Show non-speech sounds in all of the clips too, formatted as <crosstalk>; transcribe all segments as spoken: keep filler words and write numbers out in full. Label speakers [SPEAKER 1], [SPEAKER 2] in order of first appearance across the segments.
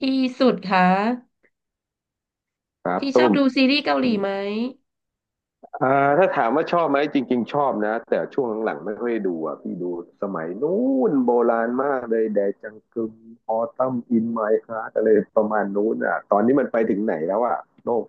[SPEAKER 1] พี่สุดคะ
[SPEAKER 2] ครับ
[SPEAKER 1] พี่ชอ
[SPEAKER 2] ตุ้
[SPEAKER 1] บ
[SPEAKER 2] ม
[SPEAKER 1] ดูซีรีส์เกาหลีไหม
[SPEAKER 2] อ่าถ้าถามว่าชอบไหมจริงๆชอบนะแต่ช่วงหลังๆไม่ค่อยดูอ่ะพี่ดูสมัยนู้นโบราณมากเลยแดจังกึมออตัมอินไมค์ฮารอะไรประมาณนู้นอ่ะตอนนี้มันไปถึงไหนแล้วอ่ะโลก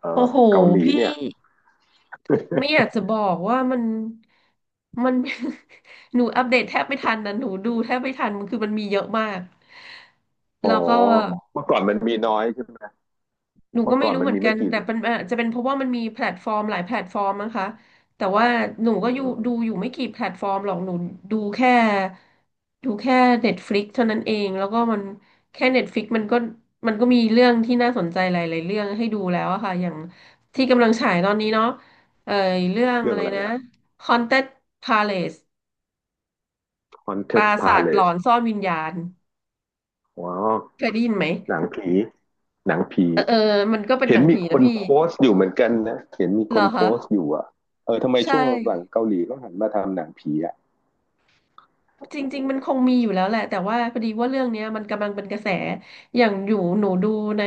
[SPEAKER 2] เอ่
[SPEAKER 1] โอ้
[SPEAKER 2] อ
[SPEAKER 1] โห
[SPEAKER 2] เกาหลี
[SPEAKER 1] พี่
[SPEAKER 2] เนี่ย
[SPEAKER 1] ไม่อยากจะบอกว่ามันมัน <laughs> หนูอัปเดตแทบไม่ทันนะหนูดูแทบไม่ทันมันคือมันมีเยอะมาก
[SPEAKER 2] อ๋อ
[SPEAKER 1] แล้วก็
[SPEAKER 2] เมื่อก่อนมันมีน้อยใช่ไหม
[SPEAKER 1] หนูก็
[SPEAKER 2] เมื่อ
[SPEAKER 1] ไม่
[SPEAKER 2] ก่อน
[SPEAKER 1] รู้
[SPEAKER 2] มั
[SPEAKER 1] เห
[SPEAKER 2] น
[SPEAKER 1] มือน
[SPEAKER 2] มี
[SPEAKER 1] กั
[SPEAKER 2] ไม่
[SPEAKER 1] น
[SPEAKER 2] กี่
[SPEAKER 1] แต่
[SPEAKER 2] เรื่อง
[SPEAKER 1] เป็นอาจจะเป็นเพราะว่ามันมีแพลตฟอร์มหลายแพลตฟอร์มนะคะแต่ว่าหนู
[SPEAKER 2] เอ
[SPEAKER 1] ก็อยู่
[SPEAKER 2] อ
[SPEAKER 1] ดูอยู่ไม่กี่แพลตฟอร์มหรอกหนูดูแค่ดูแค่ Netflix เท่านั้นเองแล้วก็มันแค่ Netflix มันก็มันก็มีเรื่องที่น่าสนใจหลายๆเรื่องให้ดูแล้วอะค่ะอย่างที่กำลังฉายตอนนี้เนาะเอ่อเรื่อง
[SPEAKER 2] เรื่อ
[SPEAKER 1] อะ
[SPEAKER 2] ง
[SPEAKER 1] ไร
[SPEAKER 2] อะไร
[SPEAKER 1] นะ
[SPEAKER 2] อ่ะ
[SPEAKER 1] Haunted Palace ปรา
[SPEAKER 2] Haunted
[SPEAKER 1] สาทหลอ
[SPEAKER 2] Palace
[SPEAKER 1] นซ่อนวิญญาณ
[SPEAKER 2] อ๋อ
[SPEAKER 1] เคยได้ยินไหม
[SPEAKER 2] หนังผีหนังผี
[SPEAKER 1] เออเออมันก็เป็น
[SPEAKER 2] เห็
[SPEAKER 1] ห
[SPEAKER 2] น
[SPEAKER 1] นัง
[SPEAKER 2] มี
[SPEAKER 1] ผี
[SPEAKER 2] ค
[SPEAKER 1] นะ
[SPEAKER 2] น
[SPEAKER 1] พี่
[SPEAKER 2] โพสต์อยู่เหมือนกันนะเห็นมี
[SPEAKER 1] เห
[SPEAKER 2] ค
[SPEAKER 1] รอ
[SPEAKER 2] นโพสต์
[SPEAKER 1] คะ
[SPEAKER 2] อยู่อ่ะเออทำไม
[SPEAKER 1] ใช่
[SPEAKER 2] ช่วงหลังเกาหลีก็หันมาทำหนังผีอ่ะ
[SPEAKER 1] จริงๆมันคงมีอยู่แล้วแหละแต่ว่าพอดีว่าเรื่องเนี้ยมันกำลังเป็นกระแสอย่างอยู่หนูดูใน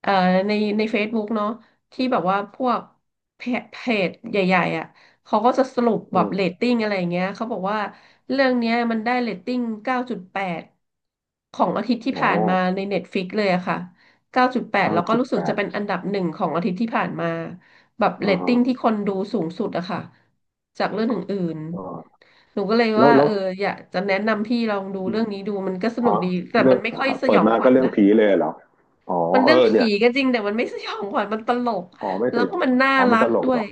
[SPEAKER 1] เอ่อในในเฟซบุ๊กเนาะที่แบบว่าพวกเพจเพจใหญ่ๆอ่ะเขาก็จะสรุป
[SPEAKER 2] อื
[SPEAKER 1] แบบเรต
[SPEAKER 2] ม
[SPEAKER 1] ติ้งอะไรอย่างเงี้ยเขาบอกว่าเรื่องเนี้ยมันได้เรตติ้งเก้าจุดแปด ของอาทิตย์ที่
[SPEAKER 2] อ๋อ
[SPEAKER 1] ผ่านมาใน Netflix เลยอะค่ะ เก้าจุดแปดแปด
[SPEAKER 2] เก้า
[SPEAKER 1] แล้วก็
[SPEAKER 2] จุด
[SPEAKER 1] รู้สึ
[SPEAKER 2] แป
[SPEAKER 1] กจะ
[SPEAKER 2] ด
[SPEAKER 1] เป็นอันดับหนึ่งของอาทิตย์ที่ผ่านมาแบบเร
[SPEAKER 2] อ่า
[SPEAKER 1] ต
[SPEAKER 2] ฮะ
[SPEAKER 1] ติ้งที่คนดูสูงสุดอะค่ะจากเรื่องอื่น
[SPEAKER 2] อ
[SPEAKER 1] หนูก็เลย
[SPEAKER 2] แล้ว
[SPEAKER 1] ว่า
[SPEAKER 2] แล้
[SPEAKER 1] เอ
[SPEAKER 2] ว
[SPEAKER 1] ออยากจะแนะนำพี่ลองดูเรื่องนี้ดูมันก็ส
[SPEAKER 2] อ
[SPEAKER 1] นุก
[SPEAKER 2] ฮะ
[SPEAKER 1] ดีแต่
[SPEAKER 2] เรื่อ
[SPEAKER 1] มัน
[SPEAKER 2] ง
[SPEAKER 1] ไม่ค่อยส
[SPEAKER 2] เปิ
[SPEAKER 1] ยอ
[SPEAKER 2] ด
[SPEAKER 1] ง
[SPEAKER 2] มา
[SPEAKER 1] ขวั
[SPEAKER 2] ก็
[SPEAKER 1] ญ
[SPEAKER 2] เรื่อง
[SPEAKER 1] นะ
[SPEAKER 2] ผีเลยเหรอ อ๋อ
[SPEAKER 1] มัน
[SPEAKER 2] เอ
[SPEAKER 1] เรื่อง
[SPEAKER 2] อเนี่
[SPEAKER 1] ผี
[SPEAKER 2] ย
[SPEAKER 1] ก็จริงแต่มันไม่สยองขวัญมันตลก
[SPEAKER 2] อ๋อไม่
[SPEAKER 1] แล้
[SPEAKER 2] ส
[SPEAKER 1] ว
[SPEAKER 2] ย
[SPEAKER 1] ก็
[SPEAKER 2] อง
[SPEAKER 1] มั
[SPEAKER 2] ข
[SPEAKER 1] น
[SPEAKER 2] วัญ
[SPEAKER 1] น่า
[SPEAKER 2] อ๋อมั
[SPEAKER 1] รั
[SPEAKER 2] นต
[SPEAKER 1] ก
[SPEAKER 2] ลก
[SPEAKER 1] ด้ว
[SPEAKER 2] เหร
[SPEAKER 1] ย
[SPEAKER 2] อ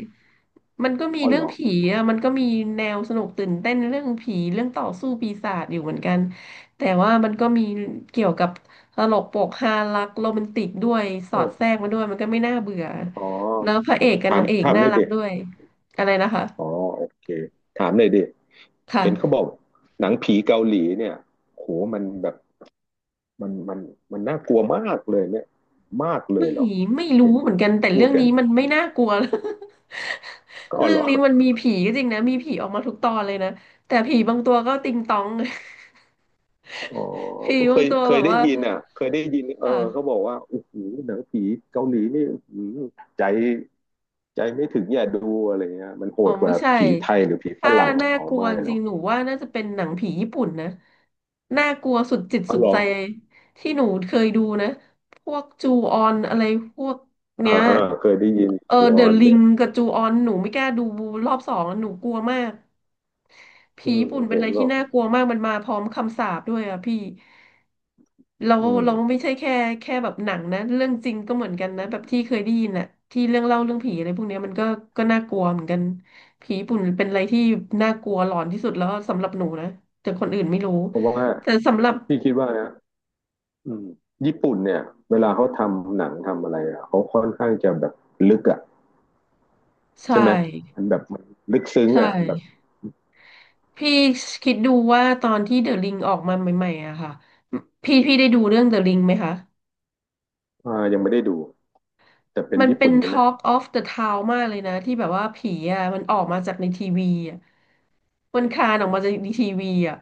[SPEAKER 1] มันก็มี
[SPEAKER 2] อ๋อ
[SPEAKER 1] เรื่
[SPEAKER 2] เห
[SPEAKER 1] อ
[SPEAKER 2] ร
[SPEAKER 1] ง
[SPEAKER 2] อ
[SPEAKER 1] ผีอ่ะมันก็มีแนวสนุกตื่นเต้นเรื่องผีเรื่องต่อสู้ปีศาจอยู่เหมือนกันแต่ว่ามันก็มีเกี่ยวกับตลกโปกฮารักโรแมนติกด้วยส
[SPEAKER 2] เอ
[SPEAKER 1] อด
[SPEAKER 2] อ
[SPEAKER 1] แทรกมาด้วยมันก็ไม่น่าเบื่อ
[SPEAKER 2] อ๋อ
[SPEAKER 1] แล้วพระเอกกับ
[SPEAKER 2] ถาม
[SPEAKER 1] นางเอก
[SPEAKER 2] ถามห
[SPEAKER 1] น่า
[SPEAKER 2] น่อย
[SPEAKER 1] รัก
[SPEAKER 2] ดิ
[SPEAKER 1] ด้วยอะไรนะคะ
[SPEAKER 2] อ๋อโอเค ถามหน่อยดิ เห็นเขาบ
[SPEAKER 1] ค่ะ
[SPEAKER 2] อกหนังผีเกาหลีเนี่ยโหมันแบบ มันมันมันน่ากลัวมากเลยเนี่ยมากเลย
[SPEAKER 1] ไม่
[SPEAKER 2] เหรอ
[SPEAKER 1] ไม่
[SPEAKER 2] เห็
[SPEAKER 1] รู้
[SPEAKER 2] น
[SPEAKER 1] เหมือนกั
[SPEAKER 2] ค
[SPEAKER 1] นแต่
[SPEAKER 2] พู
[SPEAKER 1] เรื่
[SPEAKER 2] ด
[SPEAKER 1] อง
[SPEAKER 2] กัน
[SPEAKER 1] นี้มันไม่น่ากลัว <laughs>
[SPEAKER 2] ก็
[SPEAKER 1] เรื่
[SPEAKER 2] ห
[SPEAKER 1] อ
[SPEAKER 2] ร
[SPEAKER 1] ง
[SPEAKER 2] อ
[SPEAKER 1] นี้มันมีผีก็จริงนะมีผีออกมาทุกตอนเลยนะแต่ผีบางตัวก็ติงตอง
[SPEAKER 2] อ๋อ
[SPEAKER 1] <laughs> ผี
[SPEAKER 2] ก็เค
[SPEAKER 1] บาง
[SPEAKER 2] ย
[SPEAKER 1] ตัว
[SPEAKER 2] เค
[SPEAKER 1] แบ
[SPEAKER 2] ย
[SPEAKER 1] บ
[SPEAKER 2] ได้
[SPEAKER 1] ว่า
[SPEAKER 2] ยินอ่ะเคยได้ยินเออ
[SPEAKER 1] ค่ะ
[SPEAKER 2] เขาบอกว่าโอ้โหหนังผีเกาหลีนี่ใจใจไม่ถึงอย่าดูอะไรเงี้ยมันโห
[SPEAKER 1] อ๋อ
[SPEAKER 2] ดก
[SPEAKER 1] ไม่
[SPEAKER 2] ว่า
[SPEAKER 1] ใช่
[SPEAKER 2] ผีไทยหรือผีฝ
[SPEAKER 1] ถ้า
[SPEAKER 2] รั่ง
[SPEAKER 1] น่า
[SPEAKER 2] อ๋อ
[SPEAKER 1] กลัว
[SPEAKER 2] ไม่
[SPEAKER 1] จ
[SPEAKER 2] หร
[SPEAKER 1] ริ
[SPEAKER 2] อ
[SPEAKER 1] ง
[SPEAKER 2] ก
[SPEAKER 1] ๆหนูว่าน่าจะเป็นหนังผีญี่ปุ่นนะน่ากลัวสุดจิต
[SPEAKER 2] อ๋อ
[SPEAKER 1] สุด
[SPEAKER 2] หรอ
[SPEAKER 1] ใจที่หนูเคยดูนะพวกจูออนอะไรพวกเนี้
[SPEAKER 2] อ่า
[SPEAKER 1] ย
[SPEAKER 2] อเคยได้ยิน
[SPEAKER 1] เออ
[SPEAKER 2] จูอ
[SPEAKER 1] เด
[SPEAKER 2] อ
[SPEAKER 1] อะ
[SPEAKER 2] น
[SPEAKER 1] ลิ
[SPEAKER 2] เนี่
[SPEAKER 1] ง
[SPEAKER 2] ย
[SPEAKER 1] กับจูออนหนูไม่กล้าดูรอบสองหนูกลัวมากผี
[SPEAKER 2] อืม
[SPEAKER 1] ญี่ปุ่นเป็น
[SPEAKER 2] เห็
[SPEAKER 1] อะ
[SPEAKER 2] น
[SPEAKER 1] ไร
[SPEAKER 2] บ
[SPEAKER 1] ที่
[SPEAKER 2] อก
[SPEAKER 1] น่ากลัวมากมันมาพร้อมคำสาปด้วยอ่ะพี่เรา
[SPEAKER 2] อืม
[SPEAKER 1] เราไม่ใช่แค่แค่แบบหนังนะเรื่องจริงก็เหมือนกันนะแบบที่เคยได้ยินอ่ะที่เรื่องเล่าเรื่องผีอะไรพวกเนี้ยมันก็ก็น่ากลัวเหมือนกัน ผีญี่ปุ่นเป็นอะไรที่น่ากลัวหลอนที่สุดแล้วสำหรับหนูนะแต่คนอื่นไม่รู้
[SPEAKER 2] เพราะว่า
[SPEAKER 1] แต่สำหรับ
[SPEAKER 2] พี่คิดว่านะอืมญี่ปุ่นเนี่ยเวลาเขาทำหนังทำอะไรอะเขาค่อนข้างจะแบบลึกอ่ะ
[SPEAKER 1] ใช่
[SPEAKER 2] ใช่ไหมมันแบบมันลึกซึ้ง
[SPEAKER 1] ใช
[SPEAKER 2] อ่ะแบบ
[SPEAKER 1] ่พี่คิดดูว่าตอนที่เดอะลิงออกมาใหม่ๆอะค่ะพี่พี่ได้ดูเรื่องเดอะลิงไหมคะ
[SPEAKER 2] อ่ายังไม่ได้ดูแต่เป็น
[SPEAKER 1] มัน
[SPEAKER 2] ญี่
[SPEAKER 1] เป็น
[SPEAKER 2] ปุ่นใช่ไหม
[SPEAKER 1] Talk of the Town มากเลยนะที่แบบว่าผีอะมันออกมาจากในทีวีอะมันคลานออกมาจากในทีวีอะ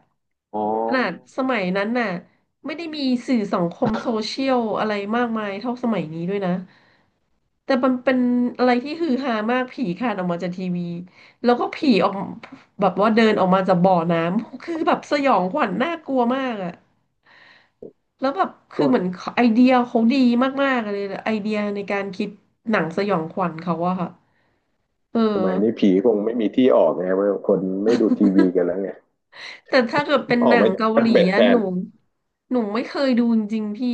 [SPEAKER 2] อ๋อ
[SPEAKER 1] ขนาดสมัยนั้นน่ะไม่ได้มีสื่อสังคมโซเชียลอะไรมากมายเท่าสมัยนี้ด้วยนะ แต่มันเป็นอะไรที่ฮือฮามากผีคลานออกมาจากทีวีแล้วก็ผีออกแบบว่าเดินออกมาจากบ่อน้ำคือแบบสยองขวัญน่ากลัวมากอะแล้วแบบคือ
[SPEAKER 2] ก็
[SPEAKER 1] เหมือนไอเดียเขาดีมากๆเลยไอเดียในการคิดหนังสยองขวัญเขาอะค่ะเออ
[SPEAKER 2] สมัยนี้ผีคงไม่มีที่ออกไงว่าคนไม่ดูทีวีกันแล้วไง
[SPEAKER 1] แต่ถ้าเกิดเป็น
[SPEAKER 2] อ
[SPEAKER 1] ห
[SPEAKER 2] อก
[SPEAKER 1] นัง
[SPEAKER 2] มาจาก
[SPEAKER 1] เกา
[SPEAKER 2] แท็
[SPEAKER 1] ห
[SPEAKER 2] บ
[SPEAKER 1] ลี
[SPEAKER 2] เล็ตแท
[SPEAKER 1] อะห
[SPEAKER 2] น
[SPEAKER 1] นูหนูไม่เคยดูจริงๆพี่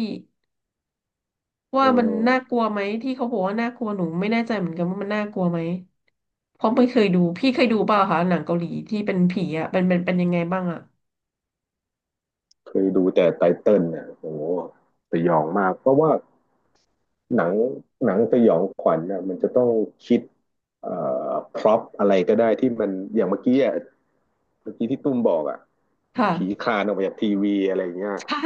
[SPEAKER 2] เอ
[SPEAKER 1] ว่ามัน
[SPEAKER 2] อ
[SPEAKER 1] น่ากลัวไหมที่เขาบอกว่าน่ากลัวหนูไม่แน่ใจเหมือนกันว่ามันน่ากลัวไหมเพราะไม่เคยดูพี่เคยดูเปล่าคะหนังเกาหลีที่เป็นผีอ่ะเป็นเป็นเป็นยังไงบ้างอ่ะ
[SPEAKER 2] เคยดูแต่ไตเติ้ลเนี่ยโอ้โหสยองมากเพราะว่าหนังหนังสยองขวัญน่ะมันจะต้องคิดเอ่อพร็อพอะไรก็ได้ที่มันอย่างเมื่อกี้อ่ะเมื่อกี้ที่ตุ้มบอกอ่ะ
[SPEAKER 1] ค่ะ
[SPEAKER 2] ผีคลานออกมาจากทีวีอะไรอย่างเงี้ย
[SPEAKER 1] ใช่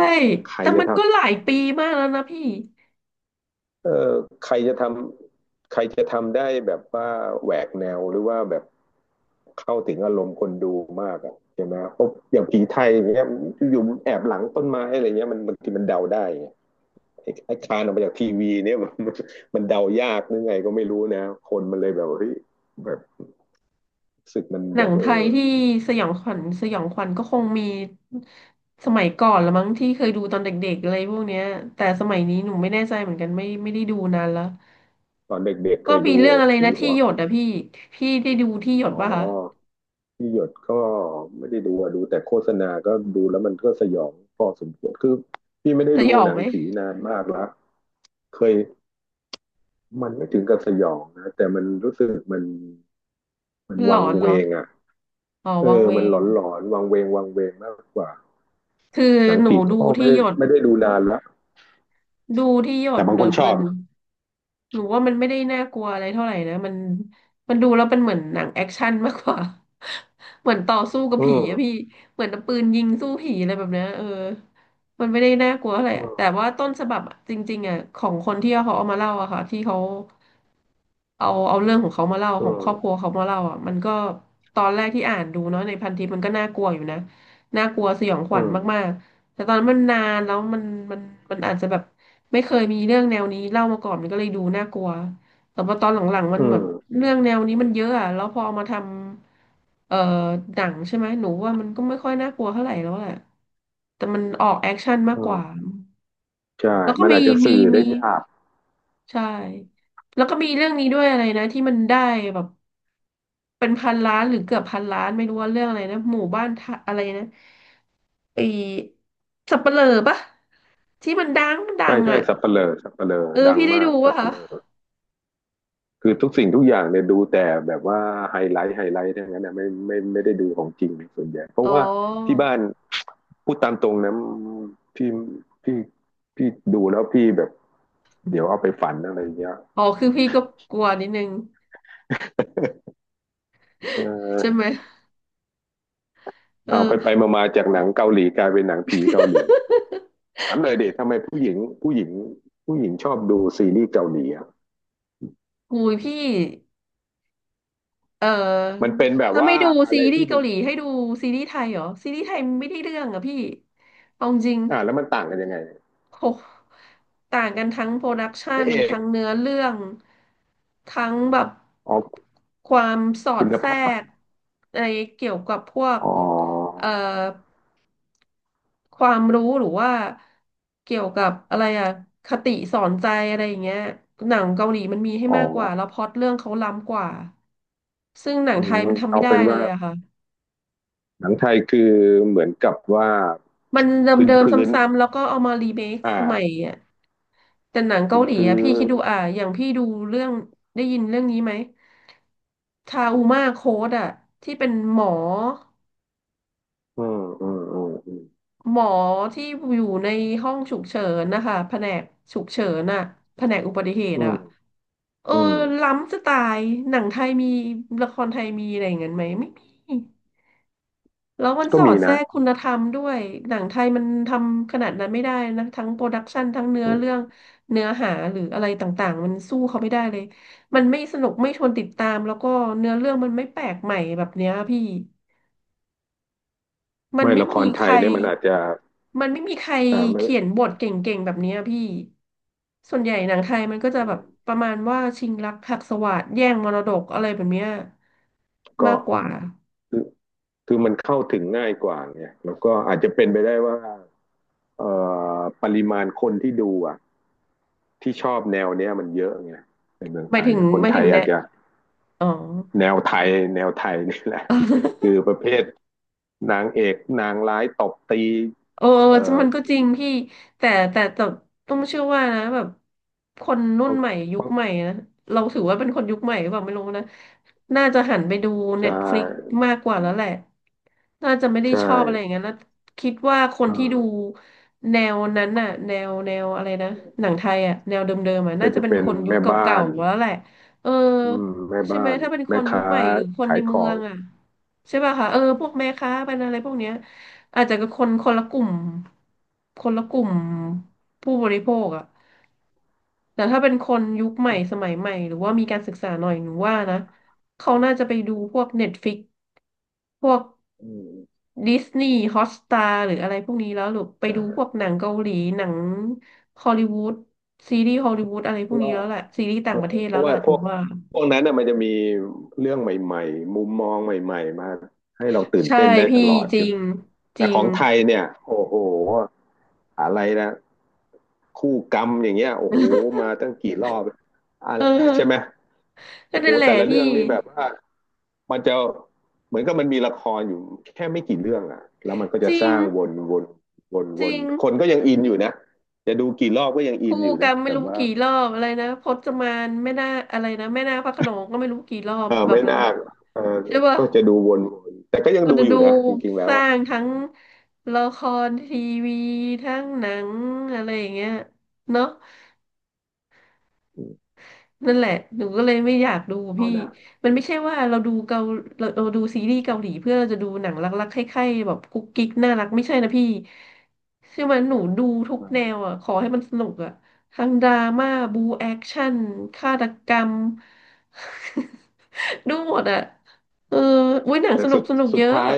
[SPEAKER 2] ใคร
[SPEAKER 1] แต่
[SPEAKER 2] จะ
[SPEAKER 1] มันก็หลา
[SPEAKER 2] ทำ
[SPEAKER 1] ยปีมากแล้วนะพี่
[SPEAKER 2] เออใครจะทำใครจะทำได้แบบว่าแหวกแนวหรือว่าแบบเข้าถึงอารมณ์คนดูมากอ่ะใช่ไหมเพราะอย่างผีไทยอย่างเงี้ยอยู่แอบหลังต้นไม้อะไรเงี้ยมันบางทีมันเดาได้ไงไอ้ไอ้คานออกมาจากทีวีเนี่ย <laughs> มันมันเดายากหรือไงก็ไม่รู้นะคนมันเลยแบบเฮ้ยแบบรู้สึกมัน
[SPEAKER 1] หนั
[SPEAKER 2] แบ
[SPEAKER 1] ง
[SPEAKER 2] บ
[SPEAKER 1] ไท
[SPEAKER 2] เอ
[SPEAKER 1] ย
[SPEAKER 2] อ
[SPEAKER 1] ที่สยองขวัญสยองขวัญก็คงมีสมัยก่อนละมั้งที่เคยดูตอนเด็กๆอะไรพวกเนี้ยแต่สมัยนี้หนูไม่แน่ใจเหมือนกันไม่ไม่ได้ดูนานแล้ว
[SPEAKER 2] ตอนเด็กๆเค
[SPEAKER 1] ก็
[SPEAKER 2] ย
[SPEAKER 1] มี
[SPEAKER 2] ดู
[SPEAKER 1] เรื่องอะไร
[SPEAKER 2] ผี
[SPEAKER 1] นะ
[SPEAKER 2] หั
[SPEAKER 1] ที่
[SPEAKER 2] ว
[SPEAKER 1] หยดอะพี่พี่ได้ดูที่หย
[SPEAKER 2] อ๋
[SPEAKER 1] ด
[SPEAKER 2] อ
[SPEAKER 1] ป่ะคะ
[SPEAKER 2] พี่หยดก็ไม่ได้ดูอะดูแต่โฆษณาก็ดูแล้วมันก็สยองพอสมควรคือพี่ไม่ได้
[SPEAKER 1] ส
[SPEAKER 2] ดู
[SPEAKER 1] ยอง
[SPEAKER 2] หนั
[SPEAKER 1] ไห
[SPEAKER 2] ง
[SPEAKER 1] ม
[SPEAKER 2] ผีนานมากแล้วเคยมันไม่ถึงกับสยองนะแต่มันรู้สึกมันมัน
[SPEAKER 1] มันหล
[SPEAKER 2] วั
[SPEAKER 1] อ
[SPEAKER 2] ง
[SPEAKER 1] นเหร
[SPEAKER 2] เว
[SPEAKER 1] อ
[SPEAKER 2] งอ่ะ
[SPEAKER 1] อ๋อ
[SPEAKER 2] เอ
[SPEAKER 1] วัง
[SPEAKER 2] อ
[SPEAKER 1] เว
[SPEAKER 2] มันหล
[SPEAKER 1] ง
[SPEAKER 2] อนหลอนวังเวงวังเวงมากกว่า
[SPEAKER 1] คือ
[SPEAKER 2] หนัง
[SPEAKER 1] หนู
[SPEAKER 2] ผี
[SPEAKER 1] ดู
[SPEAKER 2] ก็ไม่
[SPEAKER 1] ที่
[SPEAKER 2] ได้
[SPEAKER 1] หยด
[SPEAKER 2] ไม่ได้ดูนานแลว
[SPEAKER 1] ดูที่หย
[SPEAKER 2] แต่
[SPEAKER 1] ด
[SPEAKER 2] บา
[SPEAKER 1] ห
[SPEAKER 2] ง
[SPEAKER 1] นู
[SPEAKER 2] คนช
[SPEAKER 1] เหมื
[SPEAKER 2] อ
[SPEAKER 1] อ
[SPEAKER 2] บ
[SPEAKER 1] นหนูว่ามันไม่ได้น่ากลัวอะไรเท่าไหร่นะมันมันดูแล้วเป็นเหมือนหนังแอคชั่นมากกว่า <laughs> เหมือนต่อสู้กับ
[SPEAKER 2] อื
[SPEAKER 1] ผีอะพี่
[SPEAKER 2] ม
[SPEAKER 1] เหมือนเอาปืนยิงสู้ผีอะไรแบบเนี้ยเออมันไม่ได้น่ากลัวอะไร
[SPEAKER 2] อื
[SPEAKER 1] อะ
[SPEAKER 2] ม
[SPEAKER 1] แต่ว่าต้นฉบับอะจริงๆอะของคนที่เขาเอามาเล่าอะค่ะที่เขา เอาเอาเรื่องของเขามาเล่า
[SPEAKER 2] อื
[SPEAKER 1] ของค
[SPEAKER 2] ม
[SPEAKER 1] รอบครัวเขามาเล่าอ่ะมันก็ตอนแรกที่อ่านดูเนาะในพันทิปมันก็น่ากลัวอยู่นะน่ากลัวสยองข
[SPEAKER 2] อื
[SPEAKER 1] วัญมา
[SPEAKER 2] ม
[SPEAKER 1] กๆแต่ตอนนั้นมันนานแล้วมันมันมันอาจจะแบบไม่เคยมีเรื่องแนวนี้เล่ามาก่อนมันก็เลยดูน่ากลัวแต่พอตอนหลังๆมั
[SPEAKER 2] อื
[SPEAKER 1] นเหมื
[SPEAKER 2] ม
[SPEAKER 1] อนเรื่องแนวนี้มันเยอะอ่ะแล้วพอเอามาทำเอ่อหนังใช่ไหมหนูว่ามันก็ไม่ค่อยน่ากลัวเท่าไหร่แล้วแหละแต่มันออกแอคชั่นมา
[SPEAKER 2] อื
[SPEAKER 1] กกว่า
[SPEAKER 2] มใช่
[SPEAKER 1] แล้วก็
[SPEAKER 2] มัน
[SPEAKER 1] มี
[SPEAKER 2] อาจจะ
[SPEAKER 1] มี
[SPEAKER 2] สื่อได้
[SPEAKER 1] มี
[SPEAKER 2] ยาก
[SPEAKER 1] ใช่แล้วก็มีเรื่องนี้ด้วยอะไรนะที่มันได้แบบ เป็นพันล้านหรือเกือบพันล้านไม่รู้ว่าเรื่องอะไรนะหมู่บ้านทะอะไรนะไอสับเปลือปะที่มันดังมันดั
[SPEAKER 2] ใช่
[SPEAKER 1] ง
[SPEAKER 2] ใช่
[SPEAKER 1] อ่ะ
[SPEAKER 2] สัปเหร่อสัปเหร่อ
[SPEAKER 1] เออ
[SPEAKER 2] ดัง
[SPEAKER 1] พี่ได้
[SPEAKER 2] มา
[SPEAKER 1] ดู
[SPEAKER 2] กสั
[SPEAKER 1] ป่ะ
[SPEAKER 2] ป
[SPEAKER 1] คะ
[SPEAKER 2] เหร่อ คือทุกสิ่งทุกอย่างเนี่ยดูแต่แบบว่าไฮไลท์ไฮไลท์ทั้งนั้นนะไม่ไม่ไม่ได้ดูของจริงส่วนใหญ่เพ
[SPEAKER 1] อ๋
[SPEAKER 2] ราะ
[SPEAKER 1] อ
[SPEAKER 2] ว่าที่บ้านพูดตามตรงนะพี่พี่พี่ดูแล้วพี่แบบเดี๋ยวเอาไปฝันอะไรเงี้ย
[SPEAKER 1] อ๋อคือพี่ก็กลัวนิดนึง
[SPEAKER 2] เอ
[SPEAKER 1] ใช่ไหม
[SPEAKER 2] อ
[SPEAKER 1] เอ
[SPEAKER 2] เอา
[SPEAKER 1] อ
[SPEAKER 2] ไปไปมาๆจากหนังเกาหลีกลายเป็นหนังผีเกาหลีถามเลยเด็กทำไมผู้หญิงผู้หญิงผู้หญิงชอบดูซีรีส์เกาหลีอะ
[SPEAKER 1] หูยพี่เอ
[SPEAKER 2] มัน
[SPEAKER 1] อ
[SPEAKER 2] เป็นแบบ
[SPEAKER 1] ถ้าไม่
[SPEAKER 2] ว่า
[SPEAKER 1] ดู
[SPEAKER 2] อะ
[SPEAKER 1] ซี
[SPEAKER 2] ไร
[SPEAKER 1] รี
[SPEAKER 2] ที่
[SPEAKER 1] ส์
[SPEAKER 2] เป็
[SPEAKER 1] เกา
[SPEAKER 2] น
[SPEAKER 1] หลี
[SPEAKER 2] แบบ
[SPEAKER 1] ให้ดูซีรีส์ไทยเหรอซีรีส์ไทยไม่ได้เรื่องอ่ะพี่เอาจริง
[SPEAKER 2] อ่าแล้วมันต่างกันยังไง
[SPEAKER 1] โหต่างกันทั้งโปรดัก
[SPEAKER 2] พ
[SPEAKER 1] ชัน
[SPEAKER 2] ระเอก
[SPEAKER 1] ทั้งเนื้อเรื่อง ทั้งแบบ
[SPEAKER 2] อ๋อก
[SPEAKER 1] ความสอ
[SPEAKER 2] คุ
[SPEAKER 1] ด
[SPEAKER 2] ณ
[SPEAKER 1] แทร
[SPEAKER 2] ภาพ
[SPEAKER 1] กในเกี่ยวกับพวก
[SPEAKER 2] อ๋อ
[SPEAKER 1] เอ่อความรู้หรือว่าเกี่ยวกับอะไรอะคติสอนใจอะไรอย่างเงี้ยหนังเกาหลีมันมีให้
[SPEAKER 2] อ๋อ
[SPEAKER 1] มากกว่าแล้วพล็อตเรื่องเขาล้ำกว่า ซึ่งหนังไทยมันทำไม่
[SPEAKER 2] เอา
[SPEAKER 1] ได้
[SPEAKER 2] เป็น
[SPEAKER 1] เล
[SPEAKER 2] ว่า
[SPEAKER 1] ยอะค่ะ
[SPEAKER 2] หนังไทยคือเหมือนกับว่า
[SPEAKER 1] มันเด
[SPEAKER 2] พื้น
[SPEAKER 1] ิมๆซ
[SPEAKER 2] พื้น
[SPEAKER 1] ้ำๆแล้วก็เอามารีเมค
[SPEAKER 2] อ
[SPEAKER 1] ใหม่
[SPEAKER 2] ่า
[SPEAKER 1] อะ แต่หนังเกา
[SPEAKER 2] พื้น
[SPEAKER 1] หลีอะ
[SPEAKER 2] พื้
[SPEAKER 1] พี่คิด
[SPEAKER 2] น
[SPEAKER 1] ดูอ่ะอย่างพี่ดูเรื่องได้ยินเรื่องนี้ไหมทาอุมาโค้ดอะที่เป็นหมอ
[SPEAKER 2] อืมอืมอืมอืม
[SPEAKER 1] หมอที่อยู่ในห้องฉุกเฉินนะคะแผนกฉุกเฉินอะแผนกอุบัติเหตุ
[SPEAKER 2] อื
[SPEAKER 1] อะ
[SPEAKER 2] ม
[SPEAKER 1] เออ
[SPEAKER 2] อืม
[SPEAKER 1] ล้ำจะตายหนังไทยมีละครไทยมีอะไรอย่างนั้นไหมไม่มี แล้วมัน
[SPEAKER 2] ก็
[SPEAKER 1] สอ
[SPEAKER 2] มี
[SPEAKER 1] ดแทร
[SPEAKER 2] นะ
[SPEAKER 1] กคุณธรรมด้วย หนังไทยมันทำขนาดนั้นไม่ได้นะทั้งโปรดักชันทั้งเนื้อ
[SPEAKER 2] อื
[SPEAKER 1] เรื่อ
[SPEAKER 2] ม
[SPEAKER 1] งเนื้อหาหรืออะไรต่างๆมันสู้เขาไม่ได้เลยมันไม่สนุกไม่ชวนติดตามแล้วก็เนื้อเรื่องมันไม่แปลกใหม่แบบเนี้ยพี่มัน
[SPEAKER 2] ไม่
[SPEAKER 1] ไม่
[SPEAKER 2] ละค
[SPEAKER 1] มี
[SPEAKER 2] ร
[SPEAKER 1] ใค
[SPEAKER 2] ไทย
[SPEAKER 1] ร
[SPEAKER 2] เนี่ยมันอาจจะ
[SPEAKER 1] มันไม่มีใคร
[SPEAKER 2] อ่าไม่
[SPEAKER 1] เขียนบทเก่งๆแบบเนี้ยพี่ส่วนใหญ่หนังไทยมันก็จะ
[SPEAKER 2] อื
[SPEAKER 1] แบบป
[SPEAKER 2] ม
[SPEAKER 1] ระมาณว่าชิงรักหักสวาทแย่งมรดกอะไรแบบเนี้ย
[SPEAKER 2] ก็
[SPEAKER 1] มากกว่า
[SPEAKER 2] คือคือมันเข้าถึงง่ายกว่าไงแล้วก็อาจจะเป็นไปได้ว่าเอ่อปริมาณคนที่ดูอ่ะที่ชอบแนวเนี้ยมันเยอะไงในเมือง
[SPEAKER 1] หมา
[SPEAKER 2] ไท
[SPEAKER 1] ย
[SPEAKER 2] ย
[SPEAKER 1] ถึง
[SPEAKER 2] อะค
[SPEAKER 1] ห
[SPEAKER 2] น
[SPEAKER 1] มาย
[SPEAKER 2] ไท
[SPEAKER 1] ถึ
[SPEAKER 2] ย
[SPEAKER 1] งแนะ
[SPEAKER 2] อาจจะ
[SPEAKER 1] อ๋อ
[SPEAKER 2] แนวไทยแนวไทยนี่แหละ
[SPEAKER 1] <laughs>
[SPEAKER 2] คือประเภทนางเอกนางร้ายตบตี
[SPEAKER 1] เออ
[SPEAKER 2] เอ่อ
[SPEAKER 1] มันก็จริงพี่แต่แต่แต่ต้องเชื่อว่านะแบบคนรุ่น
[SPEAKER 2] ใ
[SPEAKER 1] ใหม่ยุคใหม่นะเราถือว่าเป็นคนยุคใหม่หรือเปล่าไม่รู้นะน่าจะหันไปดูเน็
[SPEAKER 2] ช่
[SPEAKER 1] ตฟลิกมากกว่าแล้วแหละ น่าจะไม่ได้
[SPEAKER 2] ใช่
[SPEAKER 1] ชอบอะไรอย่างนั้นแล้วคิดว่าคน
[SPEAKER 2] อ่า
[SPEAKER 1] ที่ดูแนวนั้นน่ะแนวแนวอะไรนะหนังไทยอ่ะแนวเดิมๆอ่ะ
[SPEAKER 2] ก็
[SPEAKER 1] น่าจะ
[SPEAKER 2] จะ
[SPEAKER 1] เป็น
[SPEAKER 2] เป็น
[SPEAKER 1] คนยุค
[SPEAKER 2] แม่
[SPEAKER 1] เ
[SPEAKER 2] บ้า
[SPEAKER 1] ก่า
[SPEAKER 2] น
[SPEAKER 1] ๆแล้วแหละเออ
[SPEAKER 2] อืมแม่
[SPEAKER 1] ใช่ไห
[SPEAKER 2] บ้า
[SPEAKER 1] ม
[SPEAKER 2] น
[SPEAKER 1] ถ้าเป็นค
[SPEAKER 2] แม่
[SPEAKER 1] นยุค
[SPEAKER 2] ค้า
[SPEAKER 1] ใหม่หรือคน
[SPEAKER 2] ขา
[SPEAKER 1] ใน
[SPEAKER 2] ยข
[SPEAKER 1] เมื
[SPEAKER 2] อ
[SPEAKER 1] อ
[SPEAKER 2] ง
[SPEAKER 1] งอ่ะใช่ป่ะคะเออพวกแม่ค้าเป็นอะไรพวกเนี้ย อาจจะเป็นคนคนละกลุ่มคนละกลุ่มผู้บริโภคอะแต่ถ้าเป็นคนยุคใหม่สมัยใหม่หรือว่ามีการศึกษาหน่อยหนูว่านะเขาน่าจะไปดูพวก เน็ตฟลิกซ์ พวก
[SPEAKER 2] อืม
[SPEAKER 1] ดิสนีย์ฮอ ที สตาร์หรืออะไรพวกนี้แล้วหรือไปดู
[SPEAKER 2] อ่า
[SPEAKER 1] พวกหนังเกาหลีหนังฮอลลีวูดซีรีส์ฮอลลีวูดอะไรพ
[SPEAKER 2] เพ
[SPEAKER 1] วก
[SPEAKER 2] ราะ
[SPEAKER 1] นี้
[SPEAKER 2] ว่า
[SPEAKER 1] แล้วแหละซีรีส์
[SPEAKER 2] เอ
[SPEAKER 1] ต่าง
[SPEAKER 2] อ
[SPEAKER 1] ประเทศ
[SPEAKER 2] เพ
[SPEAKER 1] แล้ว
[SPEAKER 2] ราะ
[SPEAKER 1] แห
[SPEAKER 2] ว่า
[SPEAKER 1] ละห
[SPEAKER 2] พ
[SPEAKER 1] นู
[SPEAKER 2] วก
[SPEAKER 1] ว่า
[SPEAKER 2] พวกนั้นน่ะมันจะมีเรื่องใหม่ๆมุมมองใหม่ๆมาให้เราตื่น
[SPEAKER 1] ใช่
[SPEAKER 2] เต้นได้ต
[SPEAKER 1] พี่
[SPEAKER 2] ลอด
[SPEAKER 1] จริ
[SPEAKER 2] ใช่ไหม
[SPEAKER 1] งจ
[SPEAKER 2] แต่
[SPEAKER 1] ริ
[SPEAKER 2] ข
[SPEAKER 1] ง
[SPEAKER 2] องไทยเนี่ยโอ้โหอะไรนะคู่กรรมอย่างเงี้ยโอ้โหมาตั้งกี่รอบอะ
[SPEAKER 1] เอ
[SPEAKER 2] ใช่ไหม
[SPEAKER 1] อก็
[SPEAKER 2] โอ้โห
[SPEAKER 1] นั่นแหละ
[SPEAKER 2] แต่ละ
[SPEAKER 1] พี่
[SPEAKER 2] เรื่องนี่แบบว่า มันจะเหมือนกับมันมีละครอยู่แค่ไม่กี่เรื่องอะแล้วมันก็
[SPEAKER 1] จ
[SPEAKER 2] จะ
[SPEAKER 1] ริ
[SPEAKER 2] ส
[SPEAKER 1] ง
[SPEAKER 2] ร้างวนวนวน
[SPEAKER 1] จ
[SPEAKER 2] ว
[SPEAKER 1] ริ
[SPEAKER 2] น
[SPEAKER 1] ง
[SPEAKER 2] คนก็ยังอินอยู่นะจะดูกี่รอบก็ยังอิ
[SPEAKER 1] คู่
[SPEAKER 2] นอยู่
[SPEAKER 1] กร
[SPEAKER 2] นะ
[SPEAKER 1] รมไม่
[SPEAKER 2] แบบ
[SPEAKER 1] รู้
[SPEAKER 2] ว่า
[SPEAKER 1] กี่รอบอะไรนะพจมานแม่นาคอะไรนะแม่นาคพระโขนงก็ไม่รู้กี่รอบ
[SPEAKER 2] เออ
[SPEAKER 1] แบบ
[SPEAKER 2] ไม่
[SPEAKER 1] นั้น
[SPEAKER 2] น่า
[SPEAKER 1] น่ะ
[SPEAKER 2] เออ
[SPEAKER 1] ใช่ป่ะ
[SPEAKER 2] ก็จะดูวนวนแต่ก็ยัง
[SPEAKER 1] ก็
[SPEAKER 2] ดู
[SPEAKER 1] จะ
[SPEAKER 2] อ
[SPEAKER 1] ดู
[SPEAKER 2] ยู่นะจริงๆแล้
[SPEAKER 1] ส
[SPEAKER 2] ว
[SPEAKER 1] ร้า
[SPEAKER 2] อะ
[SPEAKER 1] งทั้งละครทีวีทั้งหนังอะไรอย่างเงี้ยเนาะ
[SPEAKER 2] อืม
[SPEAKER 1] นั่นแหละหนูก็เลยไม่อยากดู
[SPEAKER 2] เอา
[SPEAKER 1] พี่
[SPEAKER 2] นะ
[SPEAKER 1] มันไม่ใช่ว่าเราดูเกาเราเราดูซีรีส์เกาหลีเพื่อเราจะดูหนังรักๆใคร่ๆแบบกุ๊กกิ๊กน่ารักไม่ใช่นะพี่ใช่ไหมหนูดูทุก
[SPEAKER 2] อื
[SPEAKER 1] แนว
[SPEAKER 2] ม
[SPEAKER 1] อ่ะขอให้มันสนุกอ่ะทั้งดราม่าบูแอคชั่นฆาตกรรม <laughs> ดูหมดอ่ะเอออุ้ยหนัง
[SPEAKER 2] แต่
[SPEAKER 1] สนุ
[SPEAKER 2] สุ
[SPEAKER 1] ก
[SPEAKER 2] ด
[SPEAKER 1] สนุก
[SPEAKER 2] สุ
[SPEAKER 1] เย
[SPEAKER 2] ด
[SPEAKER 1] อะ
[SPEAKER 2] ท้าย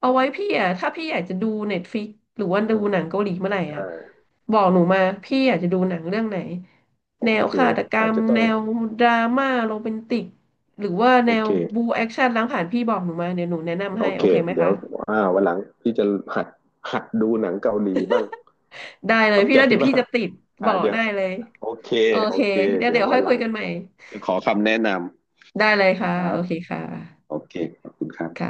[SPEAKER 1] เอาไว้พี่อ่ะถ้าพี่อยากจะดูเน็ตฟ i ิกหรือว่า
[SPEAKER 2] เอ
[SPEAKER 1] ดู
[SPEAKER 2] อ
[SPEAKER 1] หนังเกาหลีเมื่อไหร่
[SPEAKER 2] ได้
[SPEAKER 1] อ่ะบอกหนูมาพี่อยากจะดูหนังเรื่องไหน
[SPEAKER 2] โอ
[SPEAKER 1] แนว
[SPEAKER 2] เค
[SPEAKER 1] ฆาตกร
[SPEAKER 2] อาจ
[SPEAKER 1] รม
[SPEAKER 2] จะต้อ
[SPEAKER 1] แน
[SPEAKER 2] ง
[SPEAKER 1] วดราม่าโรแมนติกหรือว่า
[SPEAKER 2] โอ
[SPEAKER 1] แนว
[SPEAKER 2] เค
[SPEAKER 1] บูแอคชั่นล้างผ่านพี่บอกหนูมาเดี๋ยวหนูแนะนำ
[SPEAKER 2] โอ
[SPEAKER 1] ให้โอ
[SPEAKER 2] เค
[SPEAKER 1] เคไหม
[SPEAKER 2] เดี๋ย
[SPEAKER 1] คะ
[SPEAKER 2] วอ่าวันหลังพี่จะหัดหัดดูหนังเกาหลีบ้าง
[SPEAKER 1] ได้เล
[SPEAKER 2] ข
[SPEAKER 1] ย
[SPEAKER 2] อบ
[SPEAKER 1] พี่
[SPEAKER 2] ใจ
[SPEAKER 1] แล้วเดี๋ยวพี่
[SPEAKER 2] มาก
[SPEAKER 1] จะติดบ
[SPEAKER 2] อ่า
[SPEAKER 1] อก
[SPEAKER 2] เดี๋ยว
[SPEAKER 1] ได้เลย
[SPEAKER 2] โอเค
[SPEAKER 1] โอ
[SPEAKER 2] โอ
[SPEAKER 1] เค
[SPEAKER 2] เค
[SPEAKER 1] เดี๋ยว
[SPEAKER 2] เดี๋ย
[SPEAKER 1] เดี๋
[SPEAKER 2] ว
[SPEAKER 1] ยว
[SPEAKER 2] วั
[SPEAKER 1] ค่อ
[SPEAKER 2] น
[SPEAKER 1] ย
[SPEAKER 2] ห
[SPEAKER 1] คุ
[SPEAKER 2] ลั
[SPEAKER 1] ย
[SPEAKER 2] ง
[SPEAKER 1] กันใหม่
[SPEAKER 2] จะขอคำแนะน
[SPEAKER 1] ได้เลย
[SPEAKER 2] ำ
[SPEAKER 1] ค่ะ
[SPEAKER 2] ครั
[SPEAKER 1] โอ
[SPEAKER 2] บ
[SPEAKER 1] เคค่ะ
[SPEAKER 2] โอเคขอบคุณครับ
[SPEAKER 1] ค่ะ